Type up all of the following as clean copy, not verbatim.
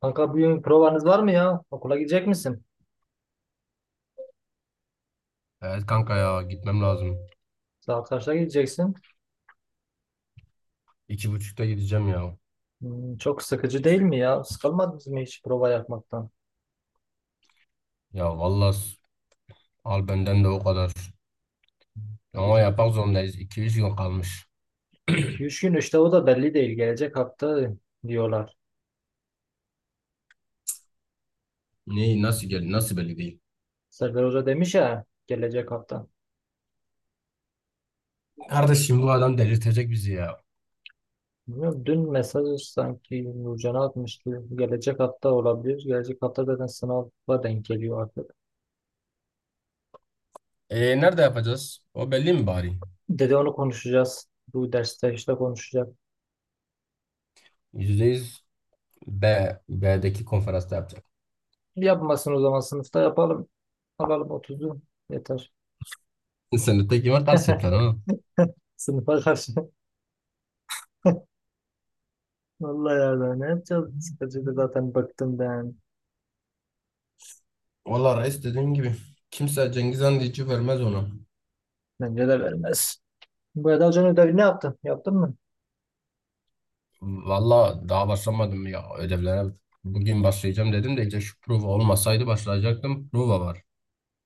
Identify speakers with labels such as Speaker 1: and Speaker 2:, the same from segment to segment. Speaker 1: Kanka bugün provanız var mı ya? Okula gidecek misin?
Speaker 2: Evet kanka ya gitmem lazım.
Speaker 1: Saat kaçta gideceksin?
Speaker 2: İki buçukta gideceğim ya.
Speaker 1: Hmm, çok sıkıcı değil mi ya? Sıkılmadınız mı hiç prova yapmaktan?
Speaker 2: Ya vallahi al benden de o kadar.
Speaker 1: Ya
Speaker 2: Ama
Speaker 1: bizim
Speaker 2: yapmak zorundayız. 2-3 gün kalmış.
Speaker 1: 2-3 gün işte o da belli değil. Gelecek hafta diyorlar.
Speaker 2: Neyi nasıl nasıl belli değil.
Speaker 1: Serdar Hoca demiş ya gelecek hafta.
Speaker 2: Kardeşim bu adam delirtecek bizi ya.
Speaker 1: Bilmiyorum, dün mesaj sanki Nurcan'a atmıştı. Gelecek hafta olabilir. Gelecek hafta zaten sınava denk geliyor artık.
Speaker 2: E nerede yapacağız? O belli mi bari?
Speaker 1: Dedi onu konuşacağız. Bu derste işte konuşacak.
Speaker 2: Yüzde yüz B, B'deki konferansta yapacak.
Speaker 1: Yapmasın o zaman sınıfta yapalım. Alalım otuzu, yeter.
Speaker 2: Sen de tek var ters yapacaksın ha.
Speaker 1: Sınıfa karşı. Vallahi ya ben ne yapacağız? Sıkıcıydı zaten bıktım ben.
Speaker 2: Valla reis dediğim gibi. Kimse Cengiz Han diyeceği vermez ona.
Speaker 1: Bence de vermez. Bu Eda Hoca'nın ödevini ne yaptın? Yaptın mı?
Speaker 2: Valla daha başlamadım ya ödevlere. Bugün başlayacağım dedim de işte şu prova olmasaydı başlayacaktım. Prova var.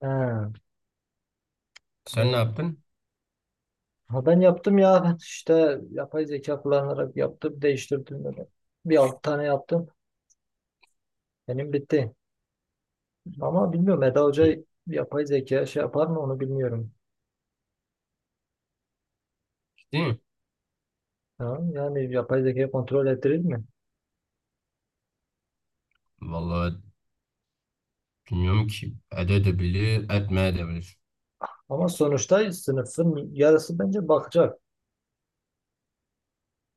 Speaker 1: Ha,
Speaker 2: Sen ne
Speaker 1: doğru.
Speaker 2: yaptın?
Speaker 1: Ha, ben yaptım ya. Ben işte yapay zeka kullanarak yaptım. Değiştirdim böyle. Bir alt tane yaptım. Benim bitti. Ama bilmiyorum Eda
Speaker 2: İyi.
Speaker 1: Hoca yapay zeka şey yapar mı onu bilmiyorum.
Speaker 2: Değil mi?
Speaker 1: Ha, yani yapay zekayı kontrol ettirir mi?
Speaker 2: Valla bilmiyorum ki edebilir, etmeyebilir.
Speaker 1: Ama sonuçta sınıfın yarısı bence bakacak.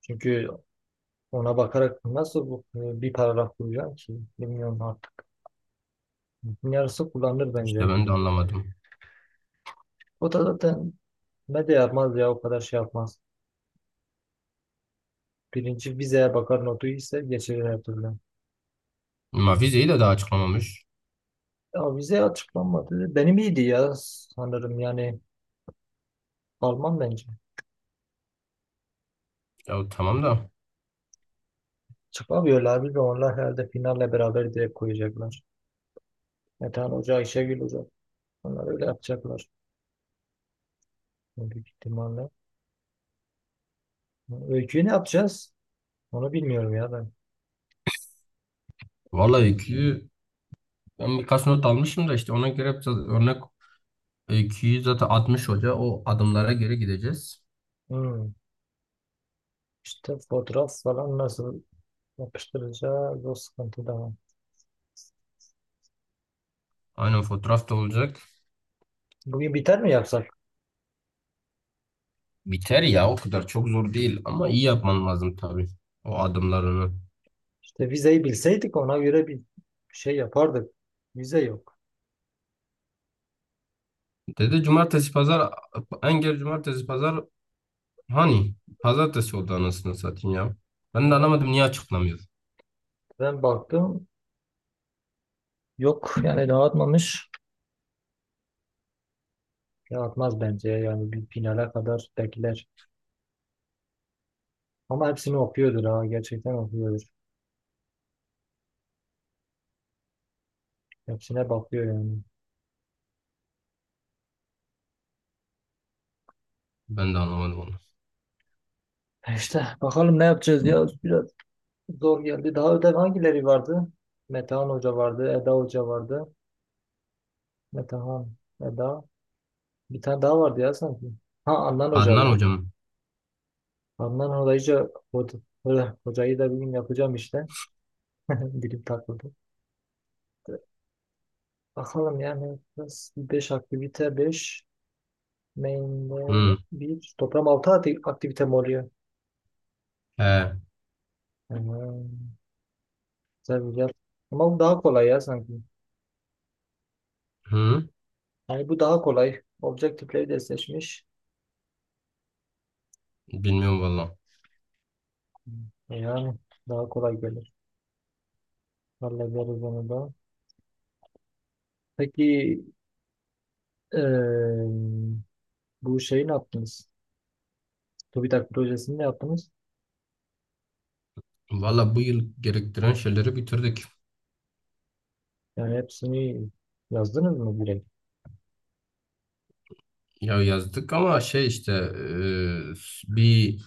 Speaker 1: Çünkü ona bakarak nasıl bu, bir paragraf kuracağım ki? Bilmiyorum artık. Yarısı kullanılır
Speaker 2: İşte
Speaker 1: bence.
Speaker 2: ben de anlamadım.
Speaker 1: O da zaten ne de yapmaz ya o kadar şey yapmaz. Birinci vizeye bakar notu ise geçirir her türlü.
Speaker 2: Ama vizeyi de daha açıklamamış.
Speaker 1: Ya vize açıklanmadı. Benim iyiydi ya sanırım yani Alman bence.
Speaker 2: Ya tamam da.
Speaker 1: Çıkamıyorlar bir de onlar herhalde finalle beraber direkt koyacaklar. Metehan Hoca, Ayşegül Hoca. Onlar öyle yapacaklar. Büyük ihtimalle. Öyküyü ne yapacağız? Onu bilmiyorum ya ben.
Speaker 2: Valla öyküyü ben birkaç not almışım da işte ona göre biraz örnek öyküyü zaten 60 hoca o adımlara göre gideceğiz.
Speaker 1: Hmm. İşte fotoğraf falan nasıl? Yapıştıracağız, o sıkıntı da var.
Speaker 2: Aynen fotoğraf da olacak.
Speaker 1: Bugün biter mi yapsak?
Speaker 2: Biter ya o kadar çok zor değil ama iyi yapman lazım tabii o adımlarını.
Speaker 1: İşte vizeyi bilseydik ona göre bir şey yapardık. Vize yok.
Speaker 2: Dedi cumartesi pazar engel cumartesi pazar hani pazartesi oldu anasını satayım ya. Ben de
Speaker 1: Ya,
Speaker 2: anlamadım niye açıklamıyor.
Speaker 1: ben baktım yok yani dağıtmamış. Dağıtmaz bence yani bir finale kadar bekler. Ama hepsini okuyordur, ha gerçekten okuyordur. Hepsine bakıyor yani.
Speaker 2: Ben de anlamadım onu.
Speaker 1: E İşte bakalım ne yapacağız ya, biraz zor geldi. Daha ödev hangileri vardı? Metehan Hoca vardı, Eda Hoca vardı. Metehan, Eda. Bir tane daha vardı ya sanki. Ha, Adnan Hoca
Speaker 2: Adnan
Speaker 1: vardı.
Speaker 2: hocam.
Speaker 1: Handan hocayı, hocayı da bugün yapacağım işte. Dilim takıldı. Bakalım yani biraz 5 aktivite, 5 main'de
Speaker 2: Hı.
Speaker 1: bir toplam 6 aktivite mi oluyor?
Speaker 2: He.
Speaker 1: Hmm, güzel güzel. Ama bu daha kolay ya sanki.
Speaker 2: Hı.
Speaker 1: Yani bu daha kolay. Objektifleri de seçmiş.
Speaker 2: Bilmiyorum valla.
Speaker 1: Hmm, yani daha kolay gelir. Hallederiz onu da. Peki eee, bu şeyi ne yaptınız? TÜBİTAK projesini ne yaptınız?
Speaker 2: Valla bu yıl gerektiren şeyleri bitirdik.
Speaker 1: Yani hepsini yazdınız mı direkt?
Speaker 2: Ya yazdık ama şey işte bir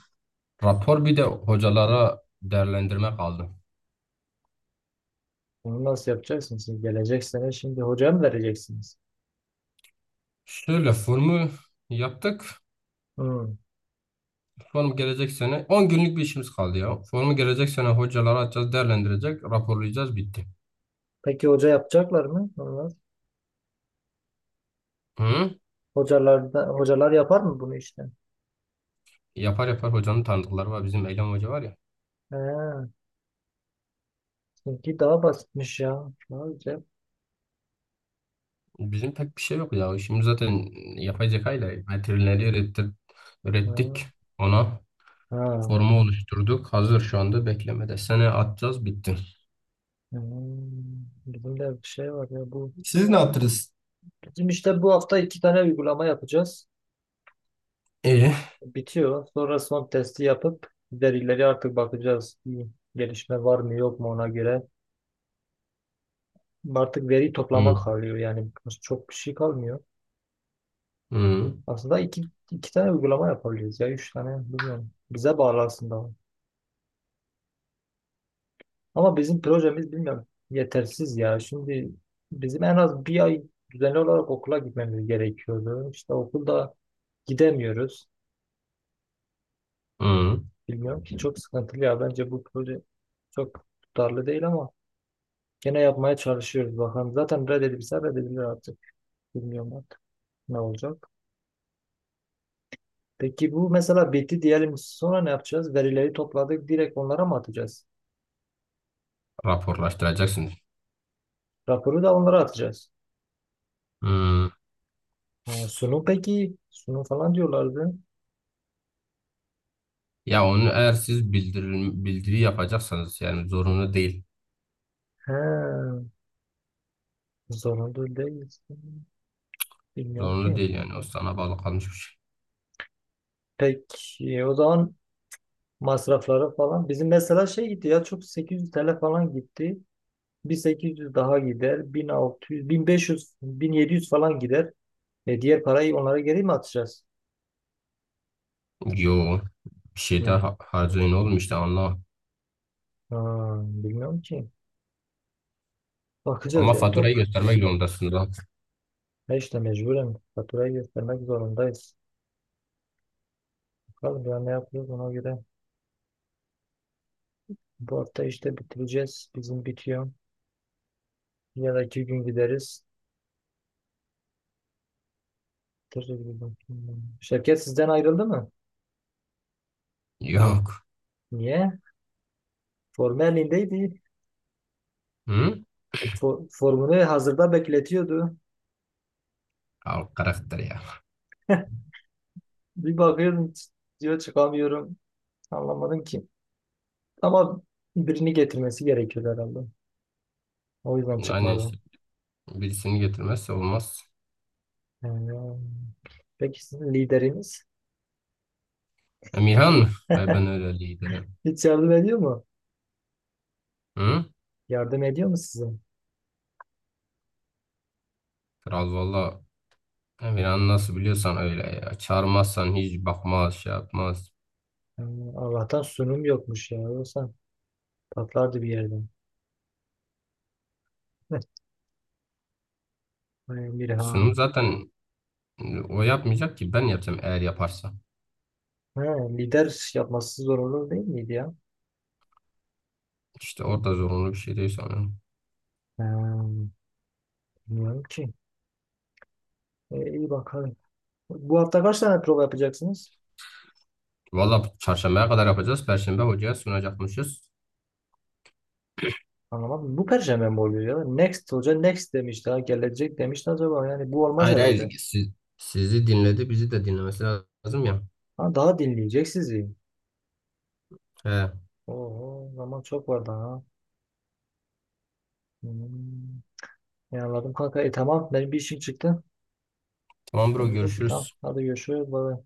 Speaker 2: rapor bir de hocalara değerlendirme kaldı.
Speaker 1: Bunu nasıl yapacaksınız? Siz gelecek, şimdi hocaya mı vereceksiniz?
Speaker 2: Şöyle formu yaptık.
Speaker 1: Hmm.
Speaker 2: Form gelecek sene 10 günlük bir işimiz kaldı ya. Formu gelecek sene hocalara atacağız, değerlendirecek, raporlayacağız bitti.
Speaker 1: Peki hoca yapacaklar mı? Onlar.
Speaker 2: Hı?
Speaker 1: Hocalar da, hocalar yapar mı bunu işte?
Speaker 2: Yapar yapar hocanın tanıdıkları var. Bizim Eylem Hoca var ya.
Speaker 1: He, çünkü daha basitmiş ya. Sadece.
Speaker 2: Bizim pek bir şey yok ya. İşimiz zaten yapay zeka ile veterineri
Speaker 1: Ha.
Speaker 2: ürettik ona.
Speaker 1: Ha.
Speaker 2: Formu oluşturduk. Hazır şu anda beklemede. Sene atacağız bitti.
Speaker 1: Hmm. Bizim de bir şey var ya bu.
Speaker 2: Siz ne yaptınız?
Speaker 1: Bizim işte bu hafta iki tane uygulama yapacağız.
Speaker 2: İyi.
Speaker 1: Bitiyor. Sonra son testi yapıp verileri artık bakacağız. Bir gelişme var mı yok mu ona göre. Artık veri toplamak
Speaker 2: Hı,
Speaker 1: kalıyor yani çok bir şey kalmıyor.
Speaker 2: hı,
Speaker 1: Aslında iki tane uygulama yapabiliriz ya. Üç tane bilmiyorum. Bize bağlı aslında. Ama bizim projemiz bilmiyorum. Yetersiz ya. Şimdi bizim en az bir ay düzenli olarak okula gitmemiz gerekiyordu. İşte okulda gidemiyoruz.
Speaker 2: hı.
Speaker 1: Bilmiyorum ki çok sıkıntılı ya. Bence bu proje çok tutarlı değil ama gene yapmaya çalışıyoruz bakalım. Zaten reddedilse reddedilir artık. Bilmiyorum artık ne olacak. Peki bu mesela bitti diyelim. Sonra ne yapacağız? Verileri topladık. Direkt onlara mı atacağız?
Speaker 2: Raporlaştıracaksınız.
Speaker 1: Raporu da onlara atacağız.
Speaker 2: Hı.
Speaker 1: Ha, sunu peki. Sunu falan diyorlardı.
Speaker 2: Ya onu eğer siz bildiri yapacaksanız yani zorunlu değil.
Speaker 1: He, zorunlu değilsin. Bilmiyorum
Speaker 2: Zorunlu
Speaker 1: ki.
Speaker 2: değil yani. O sana bağlı kalmış bir şey.
Speaker 1: Peki o zaman masrafları falan. Bizim mesela şey gitti ya çok 800 TL falan gitti. Bir 800 daha gider. 1600, 1500, 1700 falan gider. E diğer parayı onlara geri mi atacağız?
Speaker 2: Yo. Bir şey
Speaker 1: Ne?
Speaker 2: daha harcayın oğlum işte anla.
Speaker 1: Ha, bilmiyorum ki. Bakacağız
Speaker 2: Ama
Speaker 1: ya
Speaker 2: faturayı
Speaker 1: top.
Speaker 2: göstermek zorundasın lan.
Speaker 1: E işte mecburen faturayı göstermek zorundayız. Bakalım ya ne yapıyoruz ona göre. Bu hafta işte bitireceğiz. Bizim bitiyor. Ya da iki gün gideriz. Şirket sizden ayrıldı mı?
Speaker 2: Yok.
Speaker 1: Niye? Formu elindeydi.
Speaker 2: Hı?
Speaker 1: Formunu hazırda bekletiyordu.
Speaker 2: Al karakter ya.
Speaker 1: Bir bakıyorum diyor çıkamıyorum. Anlamadım ki. Ama birini getirmesi gerekiyor herhalde. O yüzden
Speaker 2: Aynen
Speaker 1: çıkmadım.
Speaker 2: işte. Birisini getirmezse olmaz.
Speaker 1: Ee, Peki sizin lideriniz
Speaker 2: Emirhan mı? Ay ben öyle liderim.
Speaker 1: hiç yardım ediyor mu?
Speaker 2: Hı?
Speaker 1: Yardım ediyor mu size?
Speaker 2: Kral valla. Emirhan nasıl biliyorsan öyle ya. Çağırmazsan hiç bakmaz, şey yapmaz.
Speaker 1: Ee, Allah'tan sunum yokmuş ya. Yoksa patlardı bir yerden.
Speaker 2: Sunum
Speaker 1: Mirhan.
Speaker 2: zaten o yapmayacak ki ben yapacağım eğer yaparsa.
Speaker 1: Ha, lider yapması zor olur değil miydi ya?
Speaker 2: İşte orada zorunlu bir şey değil sonra.
Speaker 1: Ee, bilmiyorum ki. İyi bakalım. Bu hafta kaç tane prova yapacaksınız?
Speaker 2: Valla çarşambaya kadar yapacağız. Perşembe hocaya sunacakmışız.
Speaker 1: Anlamadım. Bu perşembe mi oluyor ya? Next hoca next demiş, daha gelecek demişti acaba. Yani bu olmaz
Speaker 2: Hayır hayır.
Speaker 1: herhalde.
Speaker 2: Sizi dinledi, bizi de dinlemesi lazım ya.
Speaker 1: Ha, daha dinleyecek sizi.
Speaker 2: He.
Speaker 1: Oo, zaman çok var daha. Hmm. Ya anladım kanka. E tamam, benim bir işim çıktı.
Speaker 2: Tamam bro
Speaker 1: Ne bileyim, tamam
Speaker 2: görüşürüz.
Speaker 1: hadi görüşürüz. Bye.